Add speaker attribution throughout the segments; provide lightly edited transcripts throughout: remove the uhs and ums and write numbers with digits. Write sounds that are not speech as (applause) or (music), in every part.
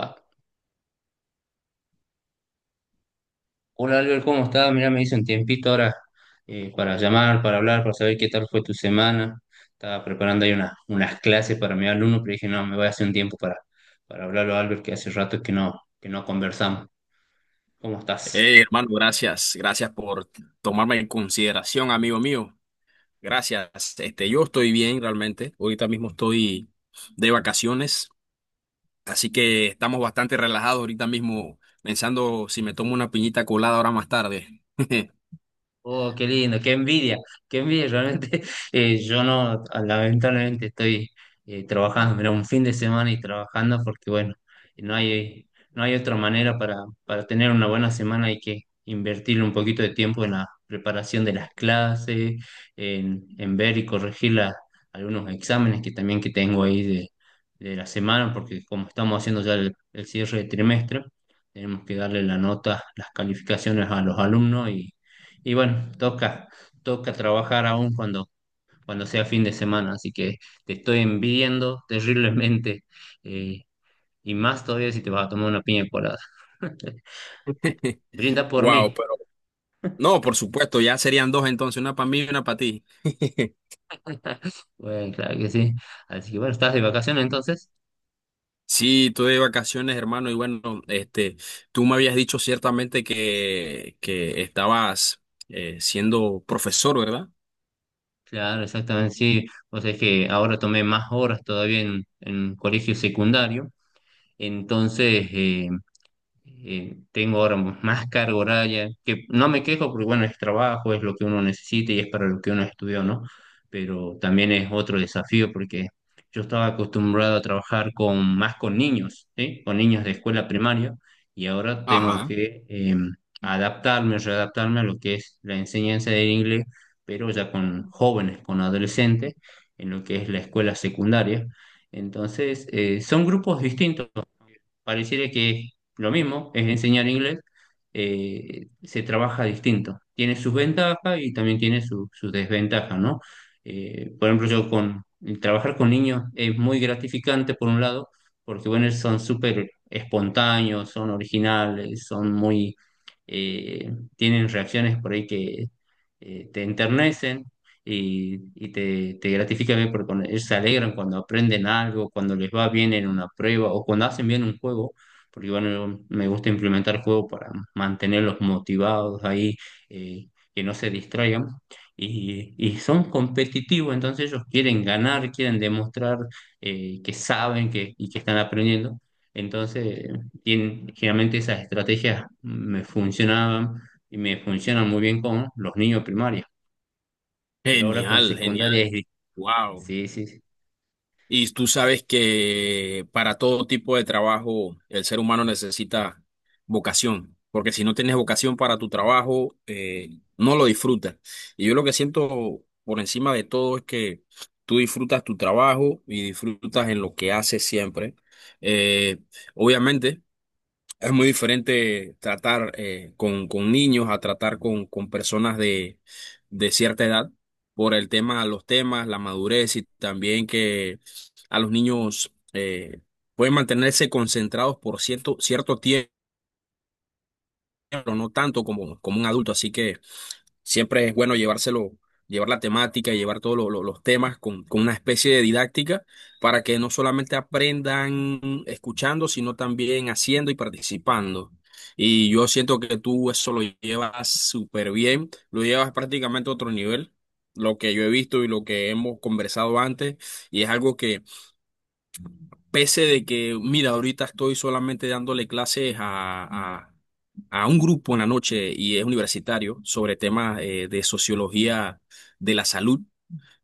Speaker 1: Va. Hola Albert, ¿cómo estás? Mira, me hice un tiempito ahora para llamar, para hablar, para saber qué tal fue tu semana. Estaba preparando ahí una- unas clases para mi alumno, pero dije, no, me voy a hacer un tiempo para hablarlo a Albert, que hace rato que no conversamos. ¿Cómo estás?
Speaker 2: Hey, hermano, gracias. Gracias por tomarme en consideración, amigo mío. Gracias. Yo estoy bien realmente. Ahorita mismo estoy de vacaciones, así que estamos bastante relajados ahorita mismo, pensando si me tomo una piñita colada ahora más tarde. (laughs)
Speaker 1: Oh, qué lindo, qué envidia, qué envidia. Realmente (laughs) yo no, lamentablemente estoy trabajando, mira, un fin de semana y trabajando porque bueno, no hay otra manera para tener una buena semana, hay que invertirle un poquito de tiempo en la preparación de las clases, en ver y corregir la- algunos exámenes que también que tengo ahí de la semana, porque como estamos haciendo ya el cierre de trimestre, tenemos que darle la nota, las calificaciones a los alumnos y bueno, toca, toca trabajar aún cuando, cuando sea fin de semana, así que te estoy envidiando terriblemente, eh, y más todavía si te vas a tomar una piña colada. (laughs) Brinda por
Speaker 2: Wow,
Speaker 1: mí.
Speaker 2: pero no, por supuesto, ya serían dos entonces, una para mí y una para ti. (laughs)
Speaker 1: Bueno, claro que sí. Así que bueno, ¿estás de vacaciones entonces?
Speaker 2: Sí, estoy de vacaciones, hermano, y bueno, tú me habías dicho ciertamente que estabas siendo profesor, ¿verdad?
Speaker 1: Claro, exactamente, sí. O sea, es que ahora tomé más horas todavía en colegio secundario, entonces... eh, tengo ahora más carga horaria, que no me quejo porque bueno, es trabajo, es lo que uno necesita y es para lo que uno estudió, ¿no? Pero también es otro desafío porque yo estaba acostumbrado a trabajar con más con niños, ¿sí? Con niños de escuela primaria y ahora tengo
Speaker 2: Ajá,
Speaker 1: que adaptarme, readaptarme a lo que es la enseñanza del inglés, pero ya con jóvenes, con adolescentes, en lo que es la escuela secundaria. Entonces, son grupos distintos, pareciera que es lo mismo, es enseñar inglés, se trabaja distinto. Tiene sus ventajas y también tiene su- sus desventajas, ¿no? Por ejemplo, yo con el trabajar con niños es muy gratificante por un lado, porque bueno, son súper espontáneos, son originales, son muy, tienen reacciones por ahí que te enternecen y te gratifica ver porque cuando ellos se alegran cuando aprenden algo, cuando les va bien en una prueba o cuando hacen bien un juego, porque bueno, yo- me gusta implementar juegos para mantenerlos motivados ahí, eh, que no se distraigan. Y son competitivos, entonces ellos quieren ganar, quieren demostrar que saben que, y que están aprendiendo. Entonces, tienen- generalmente esas estrategias me funcionaban y me funcionan muy bien con los niños primarios. Pero ahora con
Speaker 2: genial, genial,
Speaker 1: secundaria es... di-
Speaker 2: wow.
Speaker 1: Sí, sí, sí.
Speaker 2: Y tú sabes que para todo tipo de trabajo el ser humano necesita vocación, porque si no tienes vocación para tu trabajo, no lo disfrutas. Y yo lo que siento por encima de todo es que tú disfrutas tu trabajo y disfrutas en lo que haces siempre. Eh, obviamente. Es muy diferente tratar con niños a tratar con personas de cierta edad por el tema, los temas, la madurez y también que a los niños pueden mantenerse concentrados por cierto tiempo, pero no tanto como, como un adulto. Así que siempre es bueno llevar la temática, llevar todos los temas con una especie de didáctica para que no solamente aprendan escuchando, sino también haciendo y participando. Y yo siento que tú eso lo llevas súper bien, lo llevas prácticamente a otro nivel, lo que yo he visto y lo que hemos conversado antes, y es algo. Pese de que, mira, ahorita estoy solamente dándole clases a, a- a un grupo en la noche y es universitario sobre temas de sociología de la salud.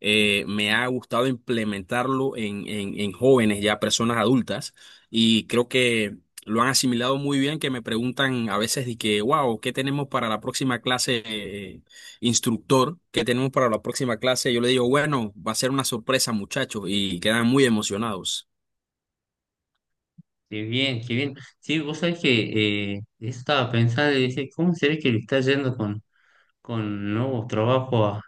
Speaker 2: Me ha gustado implementarlo en jóvenes, ya personas adultas, y creo que lo han asimilado muy bien, que me preguntan a veces de que, wow, ¿qué tenemos para la próxima clase, instructor? ¿Qué tenemos para la próxima clase? Yo le digo, bueno, va a ser una sorpresa, muchachos, y quedan muy emocionados.
Speaker 1: Qué bien, qué bien. Sí, vos sabés que estaba pensando y dije, ¿cómo será que le está yendo con nuevos trabajos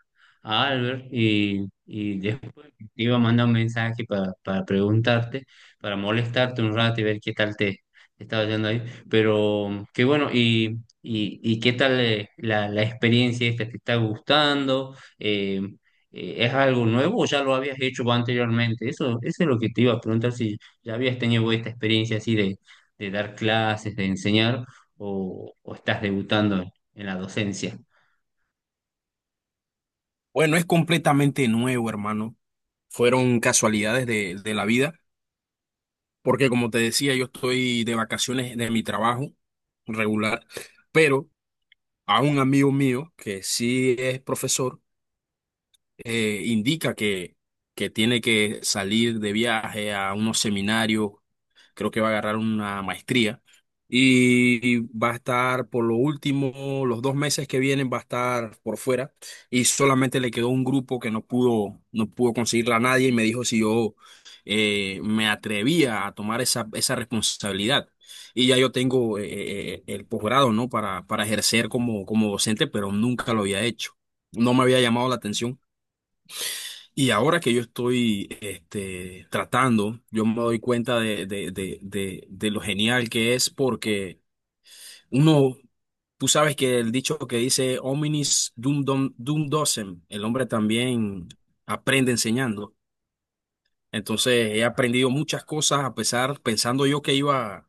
Speaker 1: a Albert? Y, y después te iba a mandar un mensaje para preguntarte, para molestarte un rato y ver qué tal te, te estaba yendo ahí. Pero qué bueno, y qué tal la, la experiencia esta, ¿te está gustando? ¿Es algo nuevo o ya lo habías hecho vos anteriormente? Eso es lo que te iba a preguntar, si ya habías tenido vos esta experiencia así de dar clases, de enseñar, o estás debutando en la docencia.
Speaker 2: Bueno, es completamente nuevo, hermano. Fueron casualidades de la vida, porque como te decía, yo estoy de vacaciones de mi trabajo regular, pero a un amigo mío que sí es profesor, indica que tiene que salir de viaje a unos seminarios. Creo que va a agarrar una maestría y va a estar por lo último, los dos meses que vienen va a estar por fuera y solamente le quedó un grupo que no pudo conseguirla a nadie y me dijo si yo me atrevía a tomar esa responsabilidad. Y ya yo tengo el posgrado, ¿no? Para ejercer como docente, pero nunca lo había hecho. No me había llamado la atención. Y ahora que yo estoy tratando, yo me doy cuenta de lo genial que es porque uno, tú sabes que el dicho que dice hominis dum, dum, dum docem, el hombre también aprende enseñando. Entonces he aprendido muchas cosas a pesar, pensando yo que iba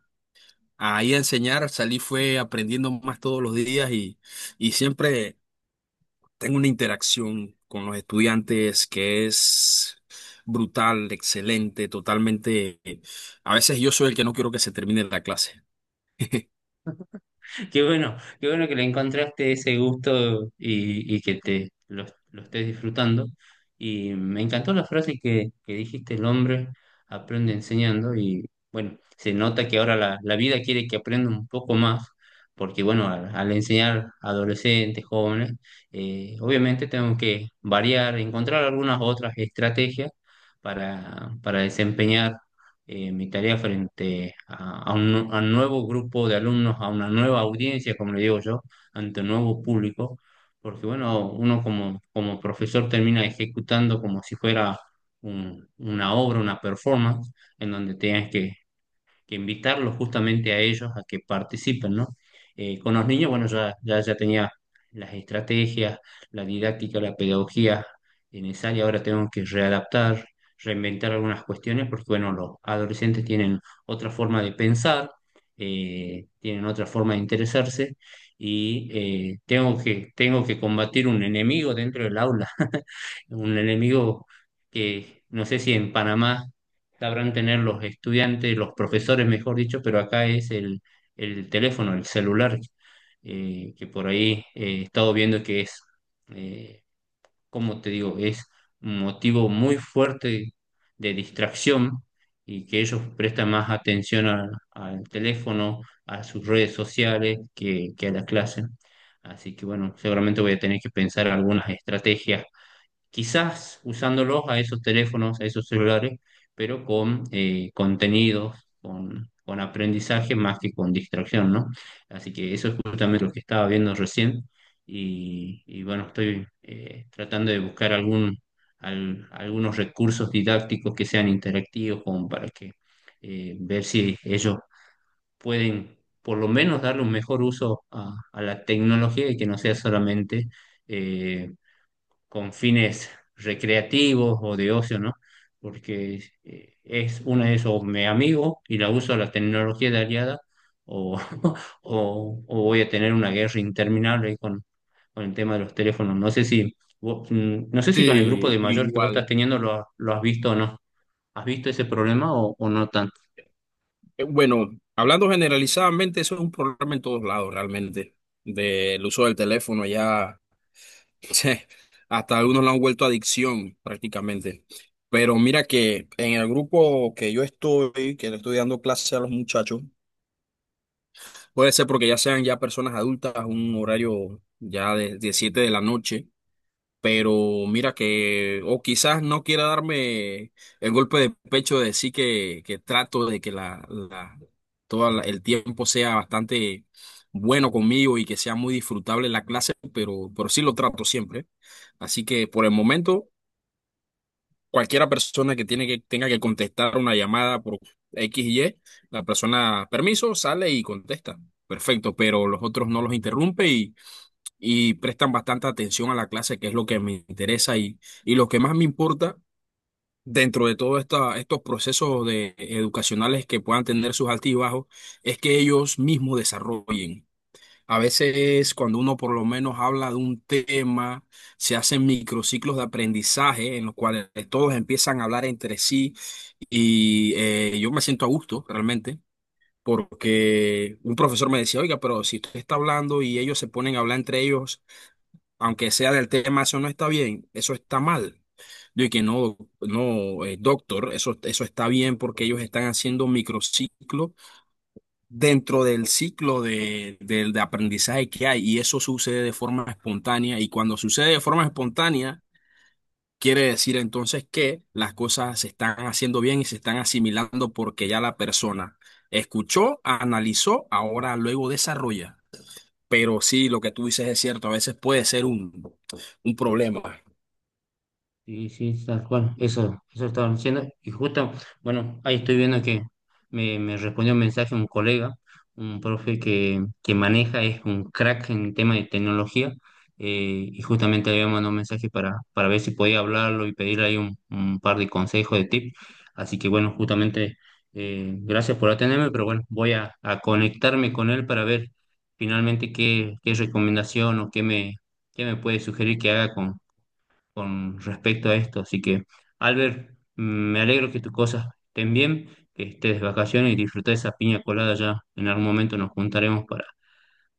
Speaker 2: a ir a enseñar, salí fue aprendiendo más todos los días y siempre. Tengo una interacción con los estudiantes que es brutal, excelente, totalmente. A veces yo soy el que no quiero que se termine la clase. (laughs)
Speaker 1: (laughs) Qué bueno que le encontraste ese gusto y que te lo estés disfrutando. Y me encantó la frase que dijiste, el hombre aprende enseñando, y bueno, se nota que ahora la, la vida quiere que aprenda un poco más, porque bueno, al, al enseñar a adolescentes, jóvenes, obviamente tengo que variar, encontrar algunas otras estrategias para desempeñar mi tarea frente a un nuevo grupo de alumnos, a una nueva audiencia, como le digo yo, ante un nuevo público, porque bueno, uno como, como profesor termina ejecutando como si fuera un- una obra, una performance, en donde tienes que invitarlos justamente a ellos a que participen, ¿no? Con los niños, bueno, ya tenía las estrategias, la didáctica, la pedagogía necesaria, ahora tengo que readaptar, reinventar algunas cuestiones, porque bueno, los adolescentes tienen otra forma de pensar, tienen otra forma de interesarse y tengo que combatir un enemigo dentro del aula, (laughs) un enemigo que no sé si en Panamá sabrán tener los estudiantes, los profesores, mejor dicho, pero acá es el teléfono, el celular, que por ahí he estado viendo que es, eh, como te digo, es un motivo muy fuerte de distracción y que ellos prestan más atención a- al teléfono, a sus redes sociales que a la clase. Así que bueno, seguramente voy a tener que pensar algunas estrategias quizás usándolos a esos teléfonos, a esos celulares, pero con contenidos, con aprendizaje más que con distracción, ¿no? Así que eso es justamente lo que estaba viendo recién, y bueno, estoy tratando de buscar algún, al- algunos recursos didácticos que sean interactivos como para que ver si ellos pueden por lo menos darle un mejor uso a la tecnología y que no sea solamente... eh, con fines recreativos o de ocio, ¿no? Porque es una de esos, me amigo y la uso a la tecnología de aliada o, (laughs) o voy a tener una guerra interminable ahí con el tema de los teléfonos. No sé si, vos- no sé si con el grupo de
Speaker 2: Sí,
Speaker 1: mayor que vos estás
Speaker 2: igual.
Speaker 1: teniendo lo, ha- lo has visto o no. ¿Has visto ese problema o no tanto?
Speaker 2: Bueno, hablando generalizadamente, eso es un problema en todos lados realmente, del uso del teléfono ya, (laughs) hasta algunos lo han vuelto adicción prácticamente. Pero mira que en el grupo que yo estoy, que le estoy dando clase a los muchachos, puede ser porque ya sean ya personas adultas, un horario ya de 7 de la noche, pero mira que, o quizás no quiera darme el golpe de pecho de decir que trato de que todo el tiempo sea bastante bueno conmigo y que sea muy disfrutable la clase, pero sí lo trato siempre. Así que por el momento cualquiera persona que tiene que tenga que contestar una llamada por X y Y, la persona, permiso, sale y contesta. Perfecto, pero los otros no los interrumpe y prestan bastante atención a la clase, que es lo que me interesa y lo que más me importa dentro de todos estos procesos de, educacionales que puedan tener sus altibajos, es que ellos mismos desarrollen. A veces cuando uno por lo menos habla de un tema, se hacen microciclos de aprendizaje en los cuales todos empiezan a hablar entre sí y yo me siento a gusto realmente porque un profesor me decía, oiga, pero si usted está hablando y ellos se ponen a hablar entre ellos, aunque sea del tema, eso no está bien, eso está mal. Yo que no, doctor, eso está bien porque ellos están haciendo microciclos dentro del ciclo de aprendizaje que hay y eso sucede de forma espontánea y cuando sucede de forma espontánea quiere decir entonces que las cosas se están haciendo bien y se están asimilando porque ya la persona escuchó, analizó, ahora luego desarrolla. Pero sí, lo que tú dices es cierto, a veces puede ser un problema.
Speaker 1: Sí, sí, tal cual, eso estaba diciendo. Y justo, bueno, ahí estoy viendo que me respondió un mensaje un colega, un profe que maneja, es un crack en tema de tecnología, y justamente le había mandado un mensaje para ver si podía hablarlo y pedirle ahí un par de consejos, de tips. Así que bueno, justamente, gracias por atenderme, pero bueno, voy a conectarme con él para ver finalmente qué, qué recomendación o qué me puede sugerir que haga con respecto a esto. Así que, Albert, mm, me alegro que tus cosas estén bien, que estés de vacaciones y disfruta esa piña colada ya. En algún momento nos juntaremos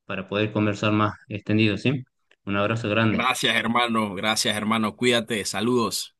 Speaker 1: para poder conversar más extendido, ¿sí? Un abrazo grande.
Speaker 2: Gracias, hermano, cuídate, saludos.